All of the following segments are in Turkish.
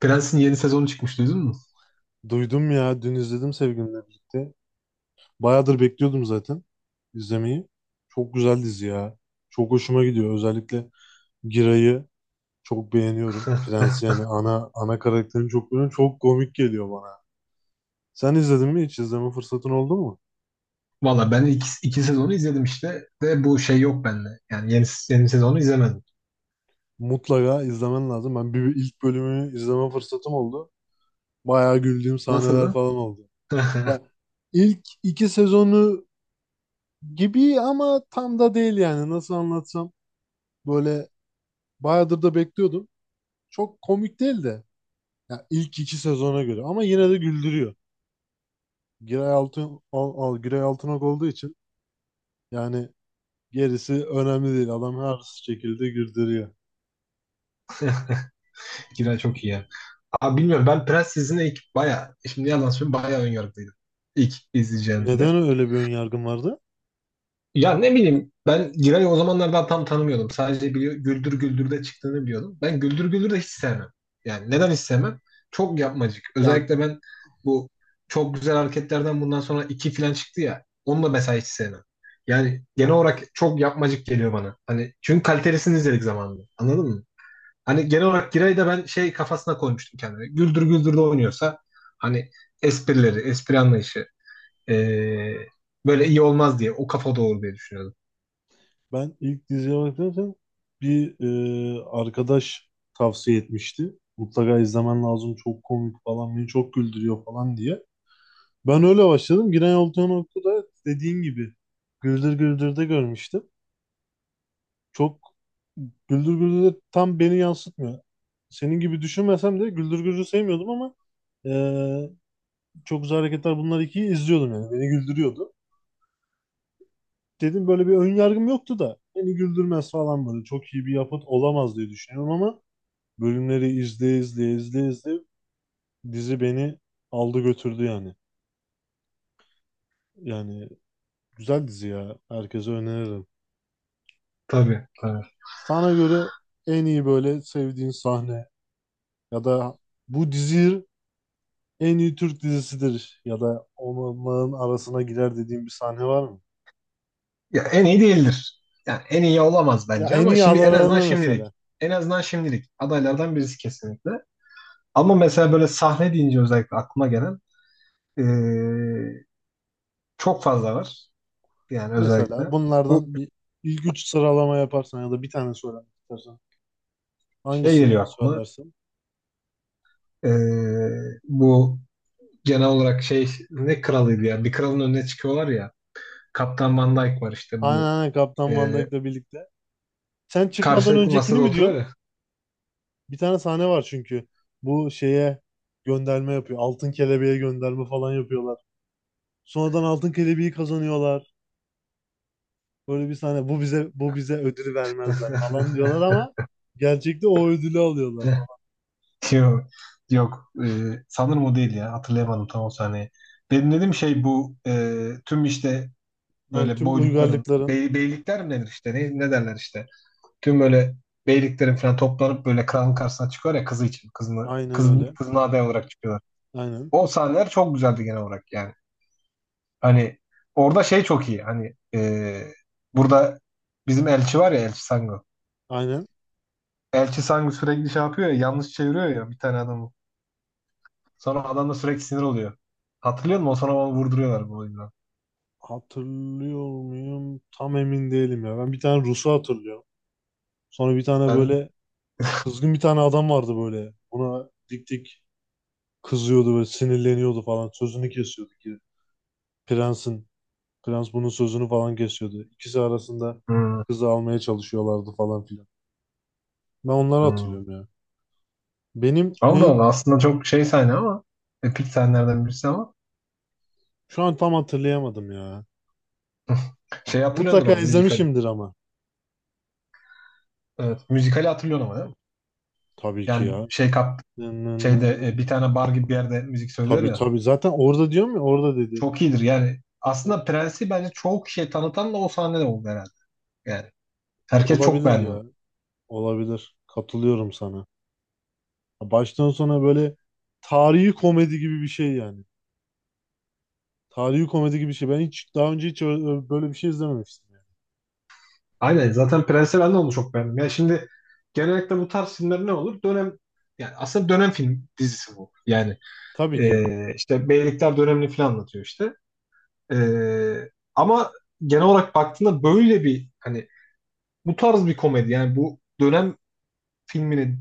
Prens'in yeni sezonu çıkmış duydun mu? Duydum ya. Dün izledim sevgilimle birlikte. Bayağıdır bekliyordum zaten izlemeyi. Çok güzel dizi ya. Çok hoşuma gidiyor. Özellikle Giray'ı çok beğeniyorum. Prens yani ana karakterini çok beğeniyorum. Çok komik geliyor bana. Sen izledin mi hiç? İzleme fırsatın oldu mu? Valla ben iki sezonu izledim işte. De bu şey yok bende. Yani yeni sezonu izlemedim. Mutlaka izlemen lazım. Ben bir ilk bölümü izleme fırsatım oldu. Bayağı güldüğüm sahneler Nasıldı? falan oldu. Ya ilk iki sezonu gibi ama tam da değil yani. Nasıl anlatsam böyle, bayağıdır da bekliyordum. Çok komik değil de ya, ilk iki sezona göre, ama yine de güldürüyor. Giray Altınok olduğu için yani, gerisi önemli değil. Adam her şekilde güldürüyor. Kira çok iyi ya. Abi bilmiyorum ben Prens dizisine ilk baya şimdi yalan söyleyeyim bayağı önyargılıydım. İlk Neden izleyeceğimde. öyle bir ön yargın vardı? Ya ne bileyim ben Giray'ı o zamanlar daha tam tanımıyordum. Sadece biliyor, Güldür Güldür'de çıktığını biliyordum. Ben Güldür Güldür'de hiç sevmem. Yani neden hiç sevmem? Çok yapmacık. Ya, Özellikle ben bu çok güzel hareketlerden bundan sonra iki falan çıktı ya. Onu da mesela hiç sevmem. Yani genel olarak çok yapmacık geliyor bana. Hani çünkü kalitelisini izledik zamanında. Anladın mı? Hani genel olarak Giray'ı da ben şey kafasına koymuştum kendime. Güldür Güldür'de oynuyorsa hani esprileri, espri anlayışı ee, böyle iyi olmaz diye o kafa doğru diye düşünüyordum. ben ilk diziye bakarken bir arkadaş tavsiye etmişti. Mutlaka izlemen lazım, çok komik falan, beni çok güldürüyor falan diye. Ben öyle başladım. Giray Altınok'u da dediğin gibi Güldür Güldür'de görmüştüm. Çok Güldür Güldür de tam beni yansıtmıyor. Senin gibi düşünmesem de Güldür Güldür'ü sevmiyordum ama eee, çok güzel hareketler bunlar ikiyi izliyordum yani. Beni güldürüyordu. Dedim böyle bir ön yargım yoktu da beni güldürmez falan böyle. Çok iyi bir yapıt olamaz diye düşünüyorum ama bölümleri izleye izleye dizi beni aldı götürdü yani. Yani güzel dizi ya. Herkese öneririm. Tabii, tabii. Sana göre en iyi böyle sevdiğin sahne ya da bu diziyi en iyi Türk dizisidir ya da onların arasına girer dediğim bir sahne var mı? Ya en iyi değildir. Yani en iyi olamaz Ya bence en ama iyi şimdi en azından aralarına mesela. şimdilik. En azından şimdilik. Adaylardan birisi kesinlikle. Ama mesela böyle sahne deyince özellikle aklıma gelen eee, çok fazla var. Yani özellikle. Mesela Bu bunlardan bir ilk üç sıralama yaparsan ya da bir tane söylemek istersen. şey Hangisini geliyor aklıma. söylersin? Bu genel olarak şey ne kralıydı ya? Bir kralın önüne çıkıyorlar ya. Kaptan Van Dyke var işte Aynen bu. aynen Kaptan Van eee, Dyke'le birlikte. Sen çıkmadan Karşılıklı öncekini masada mi oturuyor diyorsun? ya. Bir tane sahne var çünkü. Bu şeye gönderme yapıyor. Altın kelebeğe gönderme falan yapıyorlar. Sonradan altın kelebeği kazanıyorlar. Böyle bir sahne, bu bize ödülü vermezler falan diyorlar ama gerçekte o ödülü alıyorlar falan. Yok, yok. Sanırım o değil ya. Hatırlayamadım tam o sahneyi. Benim dediğim şey bu tüm işte Yani böyle tüm boylukların uygarlıkların beylikler mi denir işte ne derler işte. Tüm böyle beyliklerin falan toplanıp böyle kralın karşısına çıkıyor ya kızı için. Kızını, aynen kızın, öyle. kızına aday olarak çıkıyorlar. Aynen. O sahneler çok güzeldi genel olarak yani. Hani orada şey çok iyi. Hani burada bizim elçi var ya Elçi Sango. Aynen. Elçi Sango sürekli şey yapıyor ya yanlış çeviriyor ya bir tane adamı. Sonra adam da sürekli sinir oluyor. Hatırlıyor musun? O sonra onu vurduruyorlar bu oyundan. Hatırlıyor muyum? Tam emin değilim ya. Ben bir tane Rus'u hatırlıyorum. Sonra bir tane Ben böyle kızgın bir tane adam vardı böyle. Buna dik dik kızıyordu böyle, sinirleniyordu falan. Sözünü kesiyordu ki prensin. Prens bunun sözünü falan kesiyordu. İkisi arasında hmm, kızı almaya çalışıyorlardı falan filan. Ben onları hmm. hatırlıyorum ya. Benim Allah en Allah aslında çok şey sahne ama epik sahnelerden birisi ama Şu an tam hatırlayamadım ya. şey hatırlıyordur Mutlaka ama müzikali. izlemişimdir ama. Evet, müzikali hatırlıyorsun ama değil mi? Tabii ki Yani ya. şey kap Nın nın nın şeyde nın. bir tane bar gibi bir yerde müzik söylüyor Tabii ya. tabii. Zaten orada diyorum ya, orada dedi. Çok iyidir yani. O- Aslında Prens'i bence çok şey tanıtan da o sahne de oldu herhalde. Yani herkes çok Olabilir beğendi ya. onu. Olabilir. Katılıyorum sana. Baştan sona böyle tarihi komedi gibi bir şey yani. Tarihi komedi gibi bir şey. Ben hiç daha önce hiç böyle bir şey izlememiştim yani. Aynen zaten Prensel ben de onu çok beğendim. Yani şimdi genellikle bu tarz filmler ne olur? Dönem yani aslında dönem film dizisi bu. Yani Tabii ki. İşte beylikler dönemini falan anlatıyor işte. Ama genel olarak baktığında böyle bir hani bu tarz bir komedi yani bu dönem filmini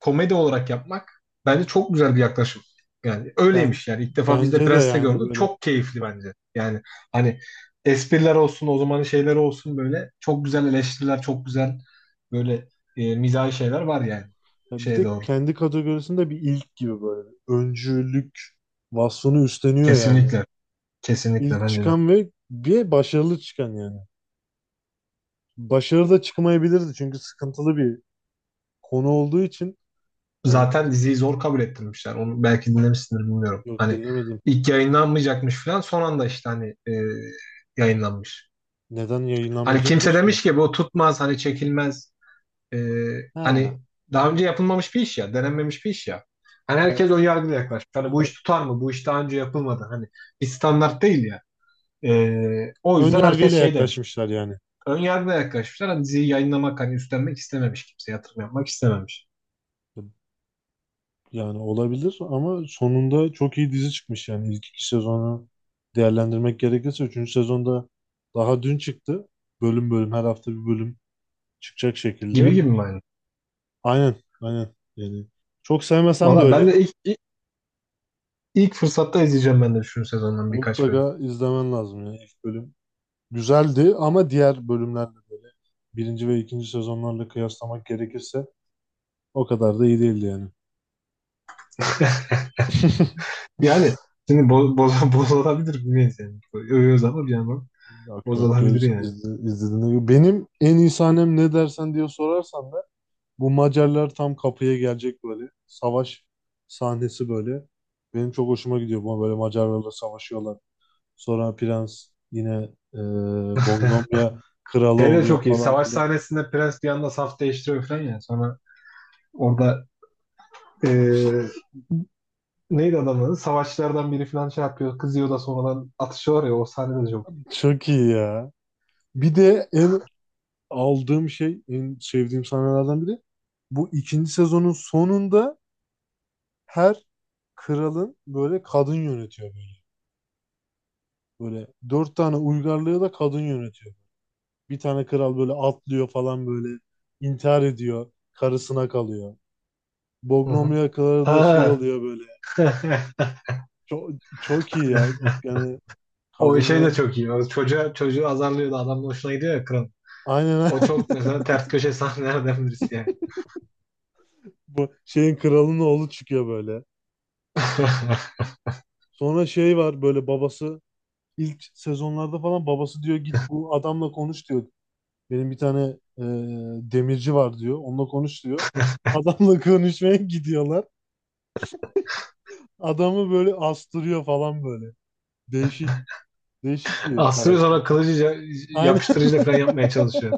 komedi olarak yapmak bence çok güzel bir yaklaşım. Yani Ben öyleymiş yani. İlk defa biz de Bence de Prens'te yani gördük. böyle, Çok keyifli bence. Yani hani espriler olsun, o zamanın şeyleri olsun böyle çok güzel eleştiriler, çok güzel böyle mizahi şeyler var yani. ya bir Şeye de doğru. kendi kategorisinde bir ilk gibi böyle öncülük vasfını üstleniyor yani. Kesinlikle. Kesinlikle İlk bence de. çıkan ve bir başarılı çıkan yani. Başarılı da çıkmayabilirdi çünkü sıkıntılı bir konu olduğu için. Hani Zaten diziyi zor kabul ettirmişler. Onu belki dinlemişsindir bilmiyorum. yok, Hani dinlemedim. ilk yayınlanmayacakmış falan son anda işte hani yayınlanmış. Neden Hani kimse yayınlanmayacakmış ki? demiş ki bu tutmaz hani çekilmez. Ee, Ha, hani daha önce yapılmamış bir iş ya, denenmemiş bir iş ya. Hani herkes ön yargıyla yaklaşmış. Hani bu iş tutar mı? Bu iş daha önce yapılmadı. Hani bir standart değil ya. O ön yüzden herkes yargıyla şey demiş. yaklaşmışlar yani. Ön yargıyla yaklaşmışlar. Hani diziyi yayınlamak, hani üstlenmek istememiş. Kimse yatırım yapmak istememiş. Yani olabilir ama sonunda çok iyi dizi çıkmış yani. İlk iki sezonu değerlendirmek gerekirse, üçüncü sezonda daha dün çıktı. Bölüm bölüm, her hafta bir bölüm çıkacak şekilde. Gibi gibi mi aynı? Aynen, yani çok sevmesem de Valla öyle, ben de ilk fırsatta izleyeceğim ben de şu sezondan birkaç bölüm. mutlaka izlemen lazım yani. İlk bölüm güzeldi ama diğer bölümlerle böyle, birinci ve ikinci sezonlarla kıyaslamak gerekirse o kadar da iyi değildi yani. Yani şimdi boz bozulabilir bilmeyiz yani. Övüyoruz ama bir yandan Yok, bozulabilir göz yani. İzlediğinde gibi. Benim en iyi sahnem ne dersen diye sorarsan da bu Macarlar tam kapıya gelecek böyle. Savaş sahnesi böyle. Benim çok hoşuma gidiyor. Bu böyle Macarlarla savaşıyorlar. Sonra prens yine e, Bogdomya kralı Şey de oluyor çok iyi. falan Savaş filan. sahnesinde Prens bir anda saf değiştiriyor falan ya. Sonra orada e, neydi adamın adı? Savaşçılardan biri falan şey yapıyor. Kızıyor da sonradan atışıyorlar ya. O sahne de çok iyi. Çok iyi ya. Bir de en Aldığım şey, en sevdiğim sahnelerden biri, bu ikinci sezonun sonunda her kralın böyle kadın yönetiyor böyle. Böyle dört tane uygarlığı da kadın yönetiyor. Bir tane kral böyle atlıyor falan böyle, intihar ediyor. Karısına kalıyor. Hı hı. Bognomya kralı da şey Ha. oluyor böyle. Çok, Çok iyi ya. Yani O şey de kadının çok iyi. O çocuğu azarlıyor da adamın hoşuna gidiyor ya kral. aynen O çok mesela ters köşe sahnelerden birisi yani. bu şeyin kralının oğlu çıkıyor böyle. Sonra şey var böyle, babası ilk sezonlarda falan babası diyor git bu adamla konuş diyor. Benim bir tane e, demirci var diyor. Onunla konuş diyor. Adamla konuşmaya gidiyorlar. Adamı böyle astırıyor falan böyle. Değişik, Değişik bir Astırıyor karakter. sonra kılıcı Aynen. yapıştırıcıyla falan yapmaya çalışıyor.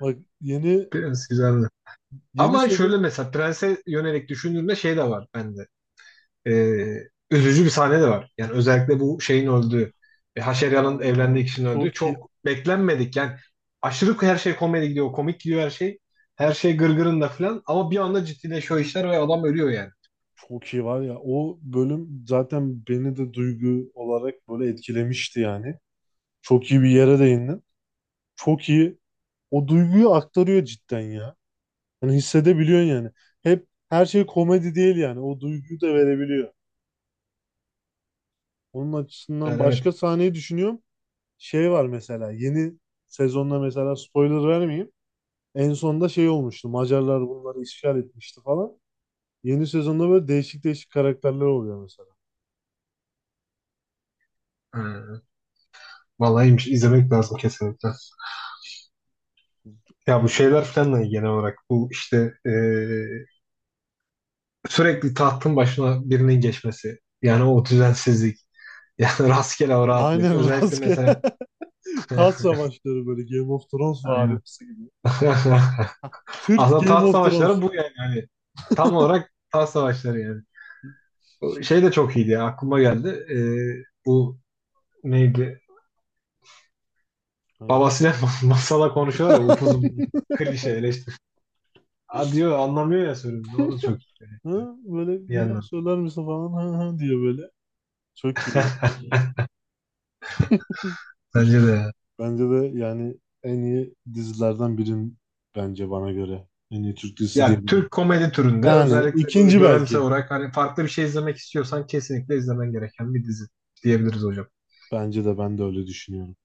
Bak yeni Prens güzeldi. yeni Ama sezon. şöyle mesela prense yönelik düşündüğümde şey de var bende. e, Üzücü bir sahne de var. Yani özellikle bu şeyin öldüğü, Haşerya'nın Aa, evlendiği kişinin öldüğü çok iyi, çok beklenmedik. Yani aşırı her şey komedi gidiyor, komik gidiyor her şey. Her şey gırgırında falan ama bir anda ciddileşiyor işler ve adam ölüyor yani. çok iyi var ya. O bölüm zaten beni de duygu olarak böyle etkilemişti yani. Çok iyi bir yere değindin. Çok iyi. O duyguyu aktarıyor cidden ya. Yani hissedebiliyorsun yani. Hep her şey komedi değil yani. O duyguyu da verebiliyor. Onun açısından Yani evet. başka sahneyi düşünüyorum. Şey var mesela yeni sezonda, mesela spoiler vermeyeyim. En sonda şey olmuştu. Macarlar bunları işgal etmişti falan. Yeni sezonda böyle değişik karakterler oluyor mesela. Ee, Vallahi iyiymiş. İzlemek lazım kesinlikle. Ya bu Yani şeyler falan da iyi genel olarak. Bu işte sürekli tahtın başına birinin geçmesi. Yani o düzensizlik. Yani rastgele o rahatlık. aynen Özellikle rastgele mesela tas savaşları böyle Game of Thrones Aynen. varimsi gibi. Türk Aslında Game taht of Thrones. savaşları bu yani. Hani tam olarak taht savaşları yani. O Şey, şey de çok iyiydi ya. Aklıma geldi. Bu neydi? hangisi? Babasıyla masala konuşuyorlar ya upuzun klişe eleştiri. Aa diyor anlamıyor ya sözünü. O da çok iyi Hı? Böyle bir bir daha yandan. söyler misin falan, hı hı diye böyle. Çok iyi ya. Bence de ya. Bence de yani en iyi dizilerden birin, bence bana göre. En iyi Türk dizisi Yani diyebilirim. Türk komedi türünde Yani özellikle böyle ikinci dönemsel belki. olarak hani farklı bir şey izlemek istiyorsan kesinlikle izlemen gereken bir dizi diyebiliriz hocam. Bence de, ben de öyle düşünüyorum.